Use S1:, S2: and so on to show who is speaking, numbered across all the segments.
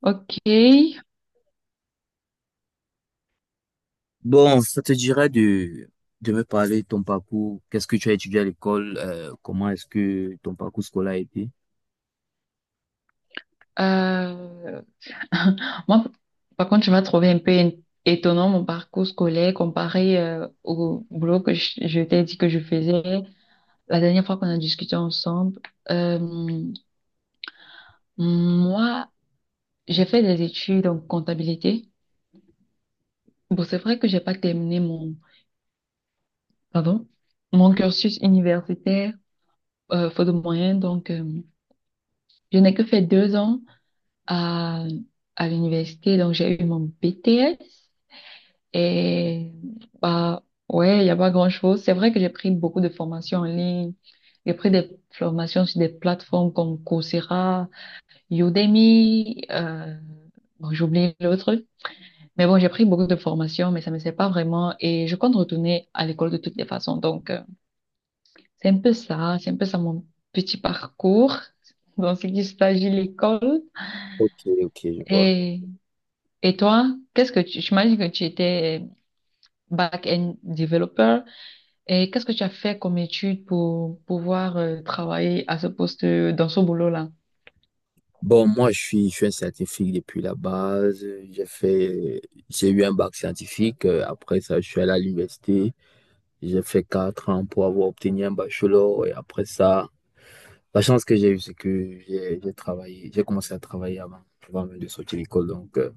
S1: Ok.
S2: Bon, ça te dirait de me parler de ton parcours? Qu'est-ce que tu as étudié à l'école? Comment est-ce que ton parcours scolaire a été?
S1: Moi, par contre, tu vas trouver un peu étonnant mon parcours scolaire comparé au boulot que je t'ai dit que je faisais la dernière fois qu'on a discuté ensemble. Euh, moi, j'ai fait des études en comptabilité. Bon, c'est vrai que j'ai pas terminé pardon, mon cursus universitaire, faute de moyens. Donc, je n'ai que fait deux ans à, à l'université. Donc, j'ai eu mon BTS. Et bah ouais, il n'y a pas grand-chose. C'est vrai que j'ai pris beaucoup de formations en ligne. J'ai pris des formations sur des plateformes comme Coursera, Udemy, bon, j'oublie l'autre. Mais bon, j'ai pris beaucoup de formations, mais ça ne me sert pas vraiment. Et je compte retourner à l'école de toutes les façons. Donc, c'est un peu ça mon petit parcours dans ce qui s'agit de l'école.
S2: Ok, ok, je vois.
S1: Et, et toi, j'imagine que tu étais back-end developer. Et qu'est-ce que tu as fait comme étude pour pouvoir travailler à ce poste, dans ce boulot-là?
S2: Bon, moi, je suis un scientifique depuis la base. J'ai fait, j'ai eu un bac scientifique. Après ça, je suis allé à l'université. J'ai fait quatre ans pour avoir obtenu un bachelor. Et après ça, la chance que j'ai eue, c'est que j'ai travaillé, j'ai commencé à travailler avant, avant même de sortir de l'école. Donc,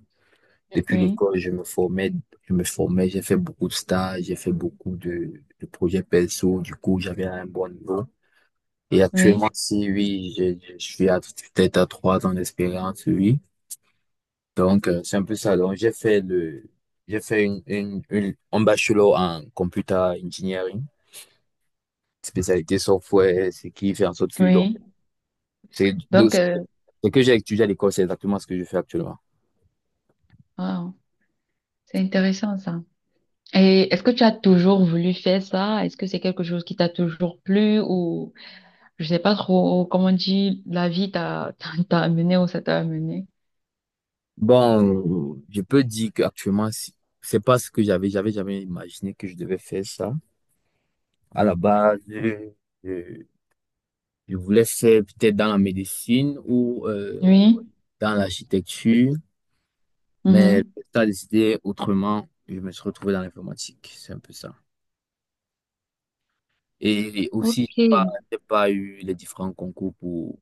S2: depuis
S1: Oui,
S2: l'école, je me formais, j'ai fait beaucoup de stages, j'ai fait beaucoup de projets perso. Du coup, j'avais un bon niveau. Et
S1: oui,
S2: actuellement, si oui, je suis peut-être à trois ans d'expérience, oui. Donc, c'est un peu ça. Donc, j'ai fait un bachelor en computer engineering, spécialité software, ce qui fait en sorte que, donc,
S1: oui.
S2: donc,
S1: Donc,
S2: ce que j'ai étudié à l'école, c'est exactement ce que je fais actuellement.
S1: wow, c'est intéressant ça. Et est-ce que tu as toujours voulu faire ça? Est-ce que c'est quelque chose qui t'a toujours plu ou je sais pas trop comment on dit, la vie t'a t'a amené où ça t'a amené?
S2: Bon, je peux dire qu'actuellement, c'est pas ce que j'avais jamais imaginé que je devais faire ça. À la base, je- je voulais faire peut-être dans la médecine ou
S1: Oui.
S2: dans l'architecture, mais
S1: Mhm.
S2: ça a décidé autrement. Je me suis retrouvé dans l'informatique, c'est un peu ça. Et aussi,
S1: Ok.
S2: j'ai pas eu les différents concours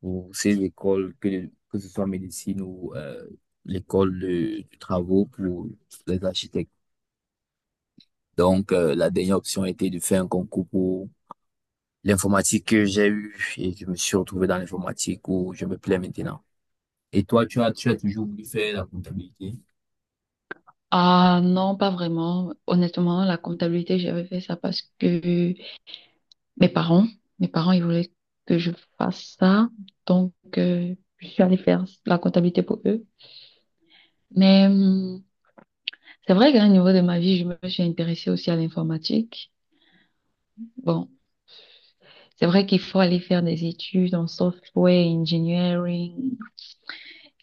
S2: pour ces écoles, que ce soit médecine ou l'école de travaux pour les architectes. Donc, la dernière option était de faire un concours pour l'informatique que j'ai eu, et je me suis retrouvé dans l'informatique où je me plais maintenant. Et toi, tu as toujours voulu faire la comptabilité?
S1: Ah non, pas vraiment. Honnêtement, la comptabilité, j'avais fait ça parce que Mes parents, mes parents, ils voulaient que je fasse ça. Donc, je suis allée faire la comptabilité pour eux. Mais c'est vrai qu'à un niveau de ma vie, je me suis intéressée aussi à l'informatique. Bon, c'est vrai qu'il faut aller faire des études en software engineering.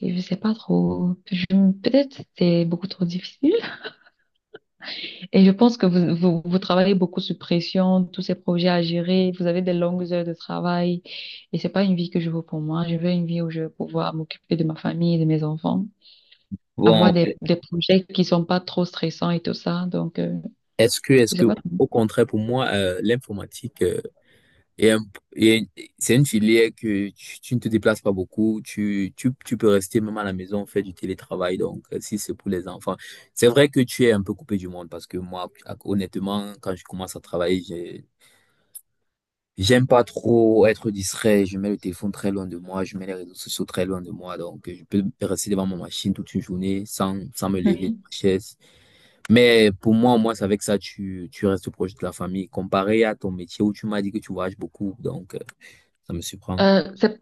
S1: Et je sais pas trop. Peut-être c'est beaucoup trop difficile. Et je pense que vous travaillez beaucoup sous pression, tous ces projets à gérer, vous avez des longues heures de travail et c'est pas une vie que je veux pour moi. Je veux une vie où je vais pouvoir m'occuper de ma famille, de mes enfants,
S2: Bon,
S1: avoir des projets qui sont pas trop stressants et tout ça. Donc,
S2: est-ce que, est-ce
S1: je sais
S2: que,
S1: pas.
S2: au contraire, pour moi, l'informatique, euh, est un- est- c'est une filière que tu ne te déplaces pas beaucoup, tu peux rester même à la maison, faire du télétravail. Donc, si c'est pour les enfants, c'est vrai que tu es un peu coupé du monde, parce que moi, honnêtement, quand je commence à travailler, j'aime pas trop être distrait. Je mets le téléphone très loin de moi. Je mets les réseaux sociaux très loin de moi. Donc, je peux rester devant ma machine toute une journée sans, sans me lever
S1: Oui.
S2: de ma chaise. Mais pour moi, au moins, c'est avec ça, tu restes proche de la famille. Comparé à ton métier où tu m'as dit que tu voyages beaucoup. Donc, ça me surprend.
S1: Euh, c'est,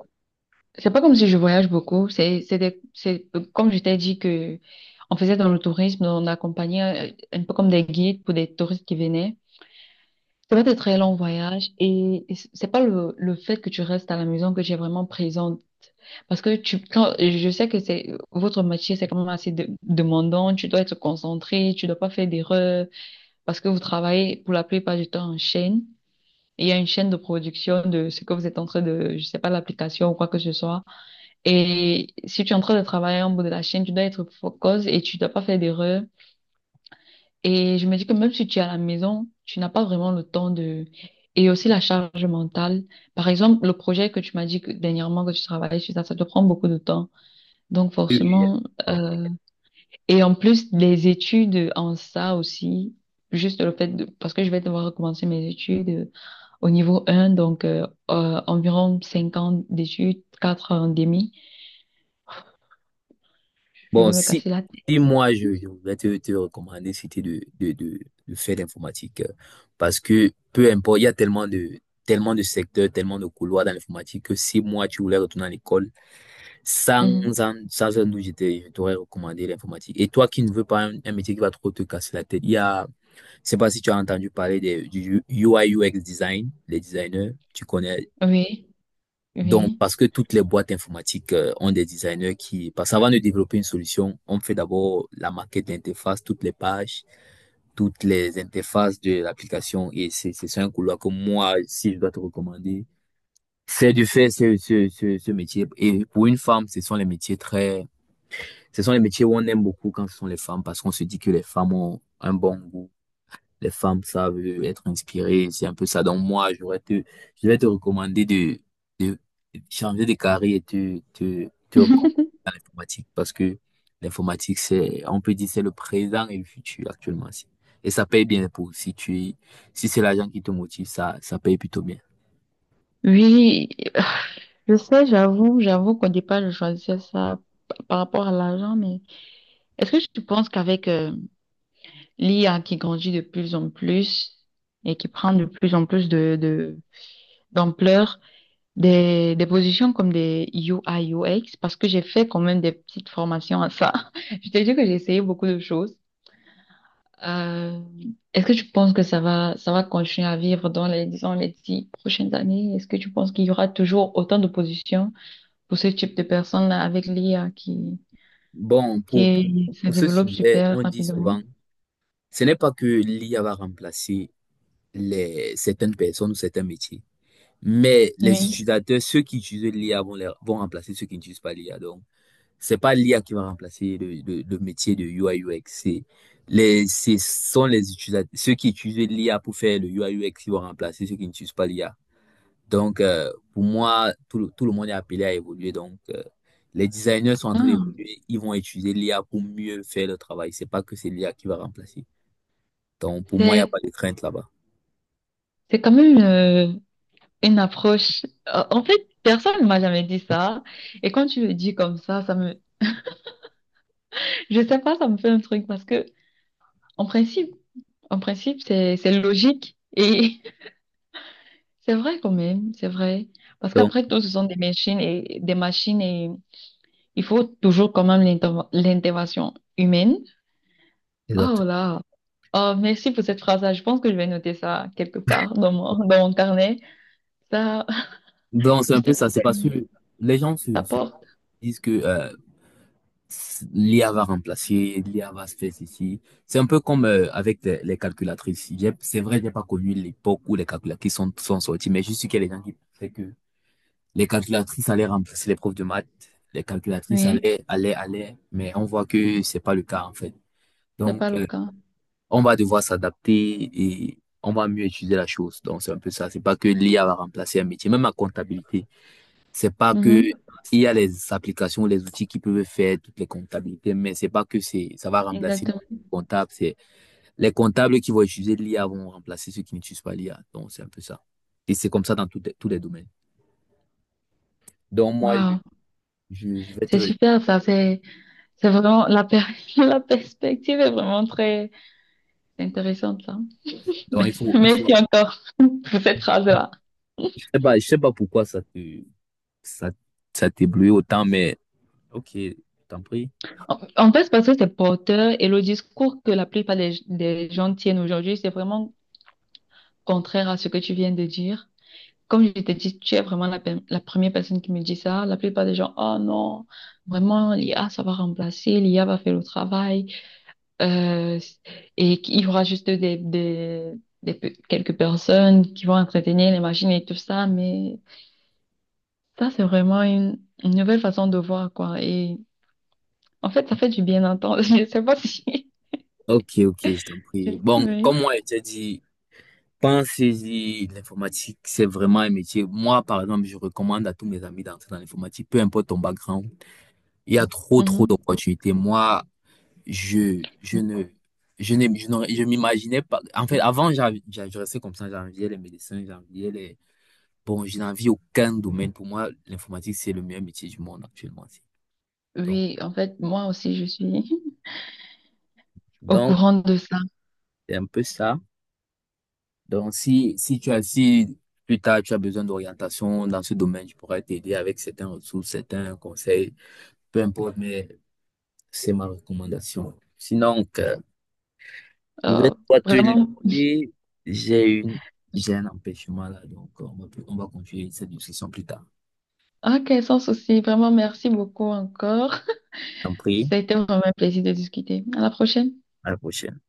S1: c'est pas comme si je voyage beaucoup. C'est comme je t'ai dit que on faisait dans le tourisme, on accompagnait un peu comme des guides pour des touristes qui venaient. Ça va être très long voyage et c'est pas le fait que tu restes à la maison que tu es vraiment présente. Parce que je sais que votre métier, c'est quand même assez demandant. Tu dois être concentré, tu dois pas faire d'erreurs parce que vous travaillez pour la plupart du temps en chaîne. Il y a une chaîne de production de ce que vous êtes en train de, je sais pas, l'application ou quoi que ce soit. Et si tu es en train de travailler en bout de la chaîne, tu dois être focus et tu dois pas faire d'erreurs. Et je me dis que même si tu es à la maison, tu n'as pas vraiment le temps de… Et aussi la charge mentale. Par exemple, le projet que tu m'as dit que dernièrement que tu travaillais sur ça, ça te prend beaucoup de temps. Donc
S2: Oui, oui,
S1: forcément,
S2: oui.
S1: euh, et en plus les études en ça aussi, juste le fait de… parce que je vais devoir recommencer mes études au niveau un donc environ 5 ans d'études, 4 ans et demi, je
S2: Bon,
S1: vais me casser la tête.
S2: si moi, je voudrais te, te recommander, c'était de faire l'informatique. Parce que peu importe, il y a tellement de secteurs, tellement de couloirs dans l'informatique, que si moi, tu voulais retourner à l'école, Sans,
S1: Mhm.
S2: sans un doute, je t'aurais recommandé l'informatique. Et toi qui ne veux pas un métier qui va trop te casser la tête, je sais pas si tu as entendu parler des, du UI UX design, les designers, tu connais.
S1: Oui,
S2: Donc,
S1: oui.
S2: parce que toutes les boîtes informatiques ont des designers qui, parce qu'avant de développer une solution, on fait d'abord la maquette d'interface, toutes les pages, toutes les interfaces de l'application. Et c'est ça un couloir que moi, si je dois te recommander, c'est de faire ce métier. Et pour une femme, ce sont les métiers où on aime beaucoup quand ce sont les femmes, parce qu'on se dit que les femmes ont un bon goût. Les femmes savent être inspirées. C'est un peu ça. Donc moi, je vais te recommander de changer de carrière et te recommander dans l'informatique, parce que l'informatique, c'est, on peut dire, c'est le présent et le futur actuellement. Si. Et ça paye bien, pour si tu, es- si c'est l'argent qui te motive, ça paye plutôt bien.
S1: Oui, je sais, j'avoue qu'au départ, je choisissais ça par rapport à l'argent, mais est-ce que tu penses qu'avec l'IA qui grandit de plus en plus et qui prend de plus en plus d'ampleur, des positions comme des UI, X, parce que j'ai fait quand même des petites formations à ça, je t'ai dit que j'ai essayé beaucoup de choses. Euh, est-ce que tu penses que ça va continuer à vivre dans les, disons, les dix prochaines années? Est-ce que tu penses qu'il y aura toujours autant de positions pour ce type de personnes-là avec
S2: Bon,
S1: qui se
S2: pour ce
S1: développe
S2: sujet,
S1: super
S2: on dit
S1: rapidement.
S2: souvent, ce n'est pas que l'IA va remplacer les, certaines personnes ou certains métiers. Mais les
S1: Oui.
S2: utilisateurs, ceux qui utilisent l'IA vont remplacer ceux qui n'utilisent pas l'IA. Donc, c'est pas l'IA qui va remplacer le métier de UI UX. C'est les, ce sont les utilisateurs, ceux qui utilisent l'IA pour faire le UI UX, qui vont remplacer ceux qui n'utilisent pas l'IA. Donc, pour moi, tout le monde est appelé à évoluer. Donc, les designers sont en train
S1: Ah,
S2: d'évoluer. Ils vont utiliser l'IA pour mieux faire le travail. C'est pas que c'est l'IA qui va remplacer. Donc, pour moi, il n'y a
S1: c'est,
S2: pas de crainte là-bas.
S1: c'est quand même une approche. En fait, personne ne m'a jamais dit ça. Et quand tu le dis comme ça, je sais pas, ça me fait un truc parce que, en principe, en principe, c'est logique. Et c'est vrai quand même, c'est vrai. Parce
S2: Donc,
S1: qu'après tout, ce sont des machines et il faut toujours quand même l'intervention humaine. Oh
S2: exactement.
S1: là. Oh, merci pour cette phrase-là. Je pense que je vais noter ça quelque part dans dans mon carnet. Ça,
S2: Donc, c'est
S1: je
S2: un peu
S1: sais pas,
S2: ça. C'est parce que les gens
S1: ça
S2: se
S1: porte.
S2: disent que l'IA va remplacer, l'IA va se faire ceci. C'est un peu comme avec les calculatrices. C'est vrai, j'ai pas connu l'époque où les calculatrices sont sorties, mais je suis qu'il y a des gens qui pensaient que les calculatrices allaient remplacer les profs de maths, les calculatrices
S1: Oui,
S2: allaient, mais on voit que c'est pas le cas, en fait.
S1: c'est pas
S2: Donc,
S1: le cas.
S2: on va devoir s'adapter, et on va mieux étudier la chose. Donc, c'est un peu ça. C'est pas que l'IA va remplacer un métier, même la comptabilité. C'est pas que
S1: Mhm.
S2: il y a les applications, les outils qui peuvent faire toutes les comptabilités, mais c'est pas que c'est ça va remplacer le
S1: Exactement.
S2: comptable. C'est les comptables qui vont utiliser l'IA vont remplacer ceux qui n'utilisent pas l'IA. Donc c'est un peu ça. Et c'est comme ça dans tous les domaines. Donc moi
S1: Waouh.
S2: je vais
S1: C'est
S2: te
S1: super, ça. C'est vraiment, la perspective est vraiment très intéressante, là.
S2: donc il faut
S1: Merci encore pour cette phrase-là.
S2: je sais pas pourquoi ça te ça ça t'éblouit autant, mais ok, je t'en prie.
S1: En fait, c'est parce que c'est porteur et le discours que la plupart des gens tiennent aujourd'hui, c'est vraiment contraire à ce que tu viens de dire. Comme je t'ai dit, tu es vraiment la première personne qui me dit ça. La plupart des gens, oh non, vraiment, l'IA, ça va remplacer, l'IA va faire le travail, euh, et qu'il y aura juste quelques personnes qui vont entretenir les machines et tout ça. Mais ça, c'est vraiment une nouvelle façon de voir, quoi. Et en fait, ça fait du bien d'entendre. Je sais pas si…
S2: Ok, ok, je t'en prie. Bon,
S1: Oui.
S2: comme moi je t'ai dit, pensez-y, l'informatique, c'est vraiment un métier. Moi, par exemple, je recommande à tous mes amis d'entrer dans l'informatique, peu importe ton background. Il y a trop, trop
S1: Mhm.
S2: d'opportunités. Moi, je, je ne, je n'ai- je n'aurais- je m'imaginais pas. En fait, avant, je restais comme ça, j'enviais les médecins, j'enviais les. Bon, je n'envie aucun domaine. Pour moi, l'informatique, c'est le meilleur métier du monde actuellement. Donc,
S1: Oui, en fait, moi aussi, je suis au
S2: donc,
S1: courant de ça.
S2: c'est un peu ça. Donc, si tu as, si plus tard tu as besoin d'orientation dans ce domaine, je pourrais t'aider avec certaines ressources, certains conseils, peu importe, mais c'est ma recommandation. Sinon, que je vais
S1: Euh,
S2: pas te
S1: vraiment.
S2: laisser. J'ai une, j'ai un empêchement là, donc on va continuer cette discussion plus tard.
S1: Ok, sans souci. Vraiment, merci beaucoup encore.
S2: Je t'en prie,
S1: Ça a été vraiment un plaisir de discuter. À la prochaine.
S2: à la prochaine.